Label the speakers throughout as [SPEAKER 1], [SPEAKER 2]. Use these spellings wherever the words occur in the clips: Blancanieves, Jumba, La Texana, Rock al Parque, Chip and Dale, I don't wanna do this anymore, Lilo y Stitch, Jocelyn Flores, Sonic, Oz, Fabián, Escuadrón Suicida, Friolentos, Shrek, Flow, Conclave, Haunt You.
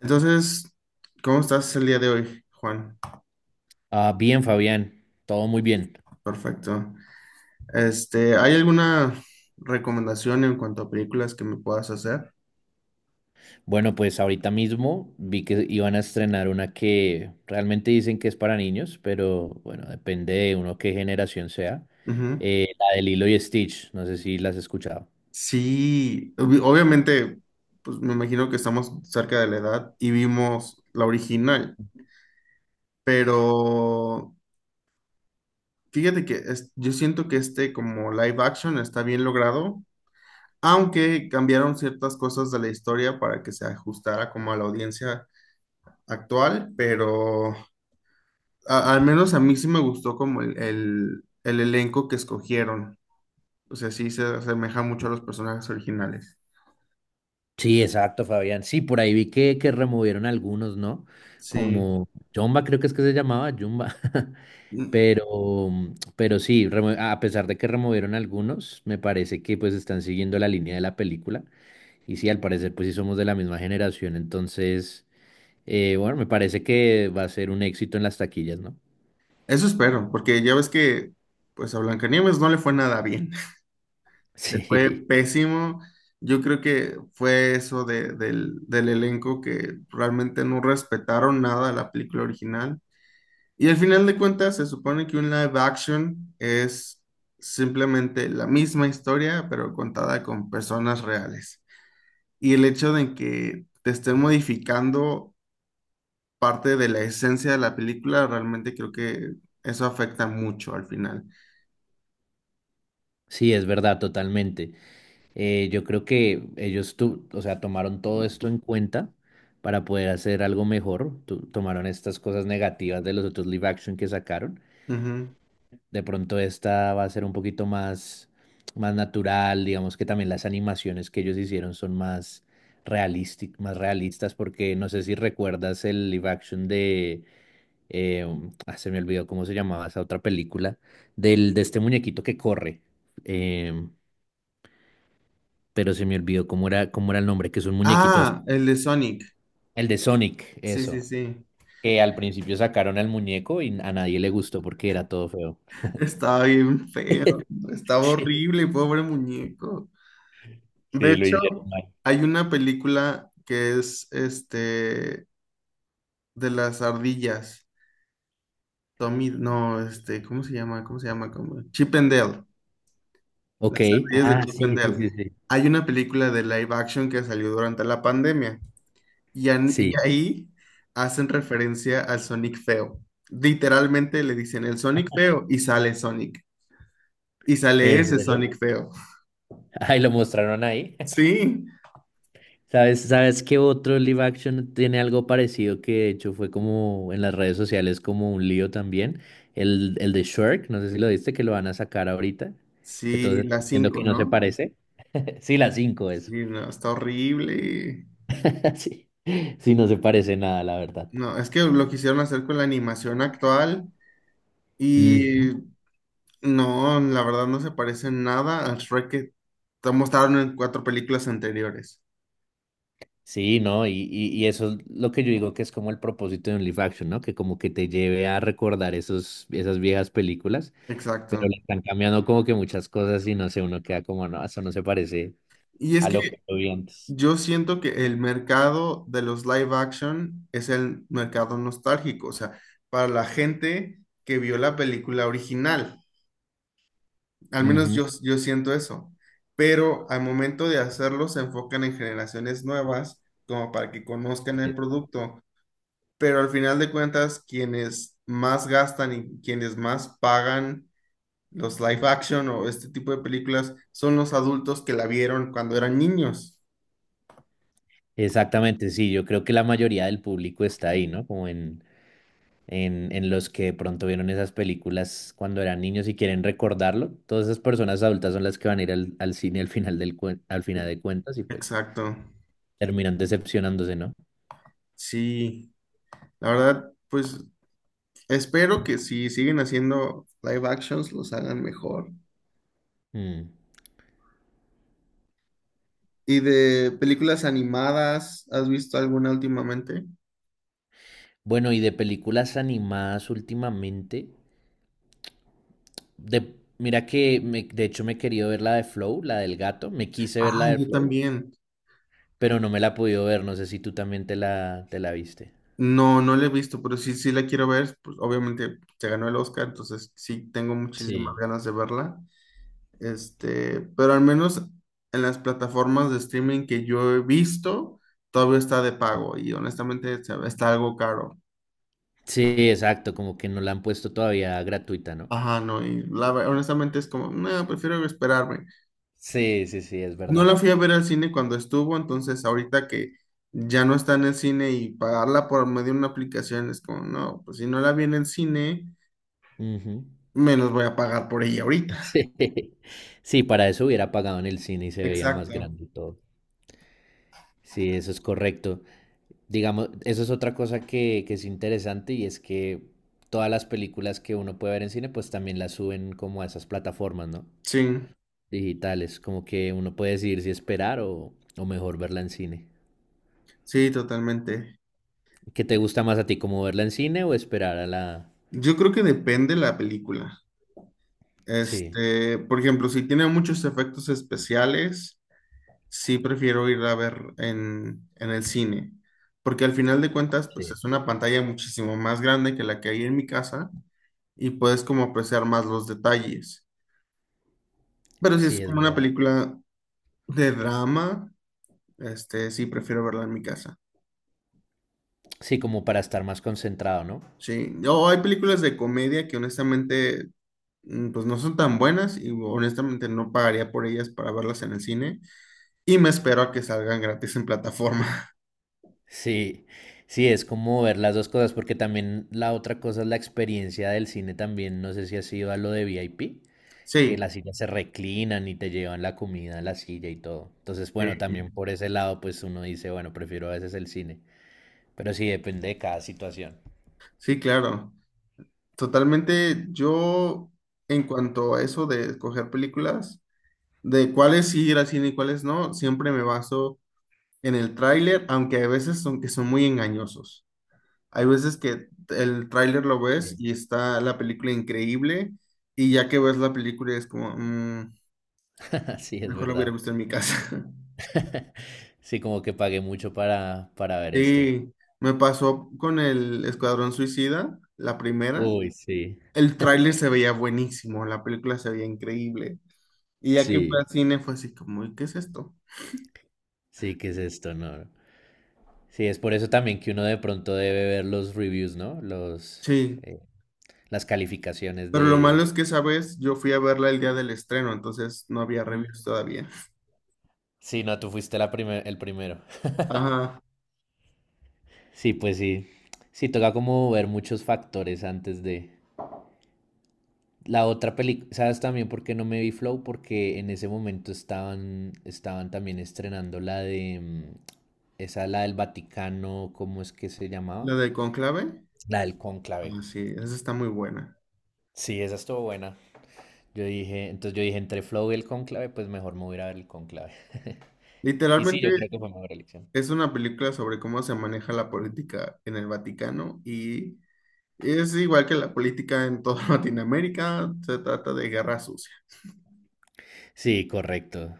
[SPEAKER 1] Entonces, ¿cómo estás el día de hoy, Juan?
[SPEAKER 2] Bien, Fabián, todo muy bien.
[SPEAKER 1] Perfecto. ¿Hay alguna recomendación en cuanto a películas que me puedas hacer?
[SPEAKER 2] Bueno, pues ahorita mismo vi que iban a estrenar una que realmente dicen que es para niños, pero bueno, depende de uno qué generación sea.
[SPEAKER 1] Ujú.
[SPEAKER 2] La de Lilo y Stitch, no sé si las has escuchado.
[SPEAKER 1] Sí, obviamente, pues me imagino que estamos cerca de la edad y vimos la original, pero fíjate que yo siento que este como live action está bien logrado, aunque cambiaron ciertas cosas de la historia para que se ajustara como a la audiencia actual, pero al menos a mí sí me gustó como el elenco que escogieron. O sea, sí se asemeja mucho a
[SPEAKER 2] Sí,
[SPEAKER 1] los personajes originales.
[SPEAKER 2] Sí, exacto, Fabián. Sí, por ahí vi que removieron algunos, ¿no?
[SPEAKER 1] Sí.
[SPEAKER 2] Como Jumba, creo que es que se llamaba Jumba.
[SPEAKER 1] Mm.
[SPEAKER 2] Pero, pero sí, a pesar de que removieron algunos, me parece que pues están siguiendo la línea de la película. Y sí, al parecer, pues sí somos de la misma generación, entonces, bueno, me parece que va a ser un éxito en las taquillas, ¿no?
[SPEAKER 1] Eso espero, porque ya ves que pues a Blancanieves no le fue nada bien. Le fue
[SPEAKER 2] Sí,
[SPEAKER 1] pésimo. Yo creo que fue eso del elenco que realmente no respetaron nada a la película original. Y al final de cuentas se supone que un live action es simplemente la misma historia, pero contada con personas reales. Y el hecho de que te estén
[SPEAKER 2] correcto.
[SPEAKER 1] modificando parte de la esencia de la película, realmente creo que eso afecta mucho al final.
[SPEAKER 2] Sí, es verdad, totalmente. Yo creo que ellos, o sea, tomaron todo esto en cuenta para poder hacer algo mejor. Tu- tomaron estas cosas negativas de los otros live action que sacaron.
[SPEAKER 1] Ujú.
[SPEAKER 2] De pronto esta va a ser más natural, digamos que también las animaciones que ellos hicieron son más más realistas, porque no sé si recuerdas el live action de, se me olvidó cómo se llamaba esa otra película, de este muñequito que corre, eh, pero se me olvidó cómo era el nombre, que es un muñequito azul.
[SPEAKER 1] Ah, el de Sonic.
[SPEAKER 2] El de Sonic,
[SPEAKER 1] Sí, sí,
[SPEAKER 2] eso,
[SPEAKER 1] sí.
[SPEAKER 2] que al principio sacaron al muñeco y a nadie le gustó porque era todo feo.
[SPEAKER 1] Estaba bien feo. Estaba
[SPEAKER 2] Sí,
[SPEAKER 1] horrible, pobre muñeco. De
[SPEAKER 2] sí, lo
[SPEAKER 1] hecho,
[SPEAKER 2] hicieron mal.
[SPEAKER 1] hay una película que es de las ardillas. Tommy, no, este, ¿cómo se llama? ¿Cómo se llama? ¿Cómo? Chip and Dale.
[SPEAKER 2] Ok,
[SPEAKER 1] Las ardillas de
[SPEAKER 2] ah,
[SPEAKER 1] Chip and
[SPEAKER 2] sí, sí,
[SPEAKER 1] Dale.
[SPEAKER 2] sí, sí.
[SPEAKER 1] Hay una película de live action que salió durante la pandemia y, y
[SPEAKER 2] Sí,
[SPEAKER 1] ahí hacen referencia al Sonic feo. Literalmente le dicen el Sonic feo y sale Sonic. Y sale
[SPEAKER 2] ¿en
[SPEAKER 1] ese
[SPEAKER 2] serio?
[SPEAKER 1] Sonic feo.
[SPEAKER 2] Ay, lo mostraron ahí.
[SPEAKER 1] Sí,
[SPEAKER 2] ¿Sabes qué otro live action tiene algo parecido que de hecho fue como en las redes sociales como un lío también? El de Shrek, no sé si lo viste, que lo van a sacar ahorita, que todos
[SPEAKER 1] sí,
[SPEAKER 2] están
[SPEAKER 1] la
[SPEAKER 2] diciendo que
[SPEAKER 1] cinco,
[SPEAKER 2] no se
[SPEAKER 1] ¿no?
[SPEAKER 2] parece. Sí, la 5 es.
[SPEAKER 1] Sí, no, está horrible.
[SPEAKER 2] Sí, sí, no se parece nada, la verdad.
[SPEAKER 1] No, es que lo quisieron hacer con la animación actual
[SPEAKER 2] Ujú.
[SPEAKER 1] y no, la verdad no se parece en nada al Shrek que te mostraron en cuatro películas anteriores.
[SPEAKER 2] Sí, ¿no? Y eso es lo que yo digo que es como el propósito de un live action, ¿no? Que como que te lleve a recordar esas viejas películas, pero le
[SPEAKER 1] Exacto.
[SPEAKER 2] están cambiando como que muchas cosas y no sé, uno queda como, no, eso no se parece
[SPEAKER 1] Y es
[SPEAKER 2] a
[SPEAKER 1] que
[SPEAKER 2] lo que yo vi antes.
[SPEAKER 1] yo siento que el mercado de los live action es el mercado nostálgico, o sea, para la gente que vio la película original. Al menos
[SPEAKER 2] Ujú.
[SPEAKER 1] yo, yo siento eso. Pero al momento de hacerlo se enfocan en generaciones nuevas, como para que conozcan el producto. Pero al final de cuentas, quienes más gastan y quienes más pagan los live action o este tipo de películas son los adultos que la vieron cuando eran niños.
[SPEAKER 2] Exactamente, sí, yo creo que la mayoría del público está ahí, ¿no? Como en los que de pronto vieron esas películas cuando eran niños y quieren recordarlo. Todas esas personas adultas son las que van a ir al cine al final al final de cuentas y pues
[SPEAKER 1] Exacto.
[SPEAKER 2] terminan decepcionándose, ¿no?
[SPEAKER 1] Sí, la verdad, pues espero que si siguen haciendo live actions los hagan mejor.
[SPEAKER 2] Mm.
[SPEAKER 1] ¿Y de películas animadas, has visto alguna últimamente?
[SPEAKER 2] Bueno, y de películas animadas últimamente, de, mira de hecho me he querido ver la de Flow, la del gato. Me quise ver la
[SPEAKER 1] Ah,
[SPEAKER 2] de
[SPEAKER 1] yo
[SPEAKER 2] Flow,
[SPEAKER 1] también.
[SPEAKER 2] pero no me la he podido ver. No sé si tú también te la viste.
[SPEAKER 1] No, no la he visto, pero sí, sí la quiero ver. Pues obviamente se ganó el Oscar, entonces sí tengo muchísimas
[SPEAKER 2] Sí.
[SPEAKER 1] ganas de verla. Este, pero al menos en las plataformas de streaming que yo he visto, todavía está de pago y honestamente está algo caro.
[SPEAKER 2] Sí, exacto, como que no la han puesto todavía gratuita, ¿no?
[SPEAKER 1] Ajá, no, y la, honestamente es como, no, prefiero esperarme.
[SPEAKER 2] Sí, sí, sí, es
[SPEAKER 1] No la
[SPEAKER 2] verdad.
[SPEAKER 1] fui a ver al cine cuando estuvo, entonces ahorita que ya no está en el cine y pagarla por medio de una aplicación es como, no, pues si no la vi en el cine,
[SPEAKER 2] Ujú.
[SPEAKER 1] menos voy a pagar por ella ahorita.
[SPEAKER 2] Sí. Sí, para eso hubiera pagado en el cine y se veía más
[SPEAKER 1] Exacto.
[SPEAKER 2] grande y todo. Sí, eso es correcto. Digamos, eso es otra cosa que es interesante y es que todas las películas que uno puede ver en cine, pues también las suben como a esas plataformas, ¿no?
[SPEAKER 1] Sí,
[SPEAKER 2] Digitales, como que uno puede decidir si esperar o mejor verla en cine.
[SPEAKER 1] sí, totalmente.
[SPEAKER 2] ¿Qué te gusta más a ti, como verla en cine o esperar a la...
[SPEAKER 1] Yo creo que depende la película.
[SPEAKER 2] Sí,
[SPEAKER 1] Este, por ejemplo, si tiene muchos efectos especiales. Sí prefiero ir a ver en el cine, porque al final de cuentas,
[SPEAKER 2] sí,
[SPEAKER 1] pues es una pantalla muchísimo más grande que la que hay en mi casa y puedes como apreciar más los detalles. Pero si es
[SPEAKER 2] sí, es
[SPEAKER 1] como una
[SPEAKER 2] verdad.
[SPEAKER 1] película de drama, este, sí prefiero verla en mi casa.
[SPEAKER 2] Sí, como para estar más concentrado, ¿no?
[SPEAKER 1] Sí, o hay películas de comedia que honestamente, pues no son tan buenas y honestamente no pagaría por ellas para verlas en el cine y me espero a que salgan gratis en plataforma.
[SPEAKER 2] Sí, sí, es como ver las dos cosas, porque también la otra cosa es la experiencia del cine también, no sé si has ido a lo de VIP, que
[SPEAKER 1] Sí,
[SPEAKER 2] las sillas se reclinan y te llevan la comida a la silla y todo. Entonces,
[SPEAKER 1] sí,
[SPEAKER 2] bueno, también por ese lado, pues uno dice, bueno, prefiero a veces el cine, pero sí depende de cada situación.
[SPEAKER 1] sí, claro. Totalmente, yo en cuanto a eso de escoger películas, de cuáles sí ir al cine y cuáles no, siempre me baso en el tráiler, aunque a veces son que son muy engañosos. Hay veces que el tráiler lo ves y está la película increíble y ya que ves la película es como, "Mm,
[SPEAKER 2] Así es
[SPEAKER 1] mejor la hubiera
[SPEAKER 2] verdad.
[SPEAKER 1] visto en mi casa".
[SPEAKER 2] Sí, como que pagué mucho para ver esto.
[SPEAKER 1] Sí, me pasó con el Escuadrón Suicida, la primera.
[SPEAKER 2] Uy, sí,
[SPEAKER 1] El tráiler se veía buenísimo, la película se veía increíble. Y ya que fue
[SPEAKER 2] sí,
[SPEAKER 1] al cine fue así como, ¿qué es esto?
[SPEAKER 2] sí, ¿qué es esto? No. Sí, es por eso también que uno de pronto debe ver los reviews, ¿no? Los,
[SPEAKER 1] Sí,
[SPEAKER 2] eh, las calificaciones
[SPEAKER 1] pero lo malo
[SPEAKER 2] de...
[SPEAKER 1] es que esa vez yo fui a verla el día del estreno, entonces no había reviews
[SPEAKER 2] Mm.
[SPEAKER 1] todavía.
[SPEAKER 2] Sí, no, tú fuiste el primero.
[SPEAKER 1] Ajá,
[SPEAKER 2] Sí, pues sí. Sí, toca como ver muchos factores antes de... La otra película, ¿sabes también por qué no me vi Flow? Porque en ese momento estaban también estrenando la de, esa, la del Vaticano, ¿cómo es que se llamaba?
[SPEAKER 1] la de Conclave,
[SPEAKER 2] La del Cónclave.
[SPEAKER 1] ah, sí, esa está muy buena.
[SPEAKER 2] Sí, esa estuvo buena. Yo dije, entre Flow y el Cónclave, pues mejor me voy a ir a ver el Cónclave. Y sí,
[SPEAKER 1] Literalmente
[SPEAKER 2] yo creo que fue mejor elección.
[SPEAKER 1] es una película sobre cómo se maneja la política en el Vaticano y es igual que la política en toda Latinoamérica, se trata de guerra sucia.
[SPEAKER 2] Sí, correcto.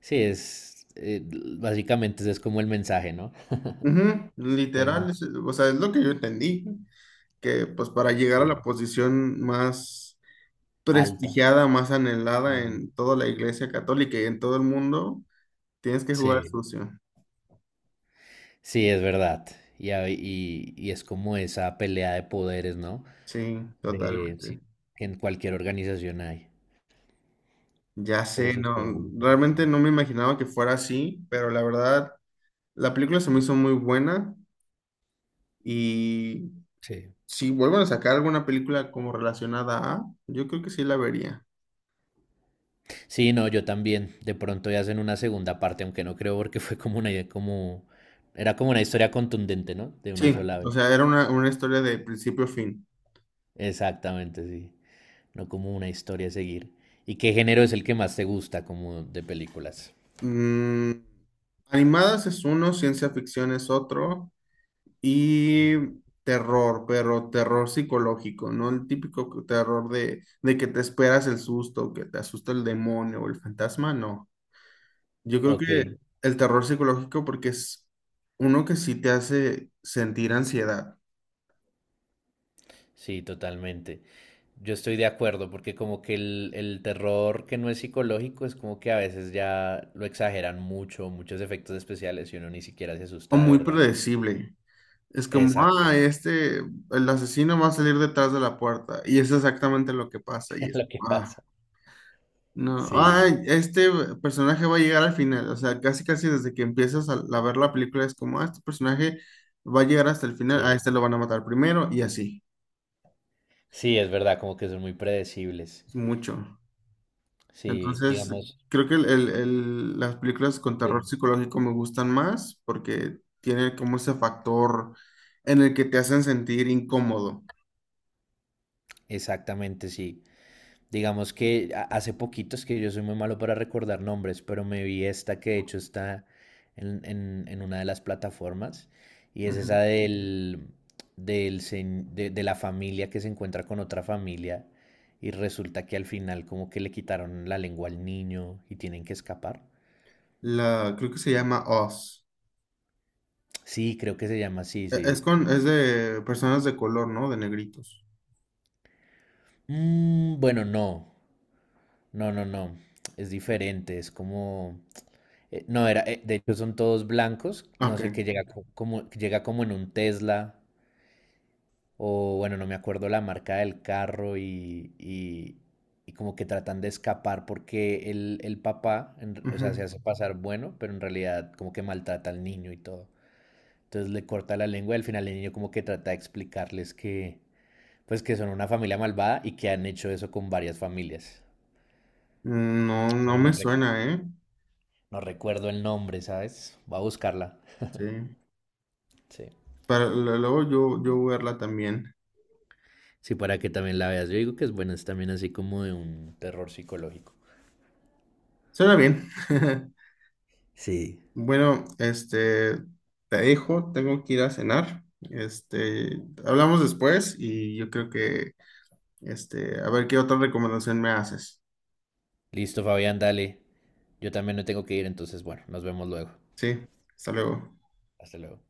[SPEAKER 2] Sí, es, básicamente ese es como el mensaje, ¿no?
[SPEAKER 1] Ujú,
[SPEAKER 2] Que hay
[SPEAKER 1] literal,
[SPEAKER 2] muchos.
[SPEAKER 1] o sea, es lo que yo entendí, que pues para llegar a
[SPEAKER 2] Sí.
[SPEAKER 1] la posición más
[SPEAKER 2] Alta.
[SPEAKER 1] prestigiada, más anhelada
[SPEAKER 2] Mm.
[SPEAKER 1] en toda la iglesia católica y en todo el mundo, tienes que jugar
[SPEAKER 2] Sí.
[SPEAKER 1] sucio.
[SPEAKER 2] Sí, es verdad. Y es como esa pelea de poderes, ¿no?
[SPEAKER 1] Sí,
[SPEAKER 2] De,
[SPEAKER 1] totalmente.
[SPEAKER 2] sí, que en cualquier organización hay.
[SPEAKER 1] Ya
[SPEAKER 2] Pero
[SPEAKER 1] sé,
[SPEAKER 2] sí,
[SPEAKER 1] no,
[SPEAKER 2] estuvo muy
[SPEAKER 1] realmente no
[SPEAKER 2] interesante.
[SPEAKER 1] me imaginaba que fuera así, pero la verdad, la película se me hizo muy buena y
[SPEAKER 2] Sí.
[SPEAKER 1] si vuelven a sacar alguna película como relacionada a, yo creo que sí la vería.
[SPEAKER 2] Sí, no, yo también. De pronto ya hacen una segunda parte, aunque no creo porque fue como una idea, como... Era como una historia contundente, ¿no? De una
[SPEAKER 1] Sí,
[SPEAKER 2] sola
[SPEAKER 1] o sea,
[SPEAKER 2] vez.
[SPEAKER 1] era una historia de principio a fin.
[SPEAKER 2] Exactamente, sí. No como una historia a seguir. ¿Y qué género es el que más te gusta como de películas?
[SPEAKER 1] Mm, animadas es uno, ciencia ficción es otro. Y terror, pero terror psicológico, ¿no? El típico terror de que te esperas el susto, que te asusta el demonio o el fantasma, no. Yo creo
[SPEAKER 2] Ok,
[SPEAKER 1] que el terror psicológico porque es uno que sí te hace sentir ansiedad
[SPEAKER 2] sí, totalmente. Yo estoy de acuerdo, porque como que el terror que no es psicológico es como que a veces ya lo exageran mucho, muchos efectos especiales y uno ni siquiera se
[SPEAKER 1] o
[SPEAKER 2] asusta de
[SPEAKER 1] muy
[SPEAKER 2] verdad.
[SPEAKER 1] predecible. Es como,
[SPEAKER 2] Exacto,
[SPEAKER 1] ah, este, el asesino va a salir detrás de la puerta y es exactamente lo que pasa y
[SPEAKER 2] es
[SPEAKER 1] es,
[SPEAKER 2] lo que
[SPEAKER 1] ah.
[SPEAKER 2] pasa.
[SPEAKER 1] No,
[SPEAKER 2] Sí,
[SPEAKER 1] ay, este personaje va a llegar al final, o sea, casi casi desde que empiezas a ver la película es como, ah, este personaje va a llegar hasta el final, a
[SPEAKER 2] sí.
[SPEAKER 1] este lo van a matar primero y así,
[SPEAKER 2] Sí, es verdad, como que son muy predecibles.
[SPEAKER 1] es mucho.
[SPEAKER 2] Sí,
[SPEAKER 1] Entonces,
[SPEAKER 2] digamos.
[SPEAKER 1] creo que las películas con terror
[SPEAKER 2] Sí.
[SPEAKER 1] psicológico me gustan más porque tiene como ese factor en el que te hacen sentir incómodo.
[SPEAKER 2] Exactamente, sí. Digamos que hace poquito, es que yo soy muy malo para recordar nombres, pero me vi esta que de hecho está en una de las plataformas y es esa
[SPEAKER 1] Ujú.
[SPEAKER 2] del, de la familia que se encuentra con otra familia y resulta que al final como que le quitaron la lengua al niño y tienen que escapar.
[SPEAKER 1] La, creo que se llama Oz.
[SPEAKER 2] Sí, creo que se llama así, sí.
[SPEAKER 1] Es con, es de personas de color, ¿no? De negritos.
[SPEAKER 2] Mm, bueno, no, es diferente, es como... No, era, de hecho son todos blancos, no
[SPEAKER 1] Ok.
[SPEAKER 2] sé, que llega como, que llega como en un Tesla, o bueno, no me acuerdo la marca del carro y como que tratan de escapar porque el papá, o sea, se
[SPEAKER 1] Ujú.
[SPEAKER 2] hace pasar bueno, pero en realidad como que maltrata al niño y todo. Entonces le corta la lengua y al final el niño como que trata de explicarles que, pues que son una familia malvada y que han hecho eso con varias familias.
[SPEAKER 1] No, no
[SPEAKER 2] Pero no,
[SPEAKER 1] me suena, ¿eh?
[SPEAKER 2] no recuerdo el nombre, ¿sabes? Voy a buscarla.
[SPEAKER 1] Sí.
[SPEAKER 2] Sí.
[SPEAKER 1] Para, luego yo, yo voy a verla también.
[SPEAKER 2] Sí, para que también la veas. Yo digo que es buena, es también así como de un terror psicológico.
[SPEAKER 1] Suena bien.
[SPEAKER 2] Sí.
[SPEAKER 1] Bueno, este, te dejo, tengo que ir a cenar. Este, hablamos después y yo creo que, este, a ver qué otra recomendación me haces.
[SPEAKER 2] Listo, Fabián, dale. Yo también me tengo que ir, entonces, bueno, nos vemos luego.
[SPEAKER 1] Sí, hasta luego.
[SPEAKER 2] Hasta luego.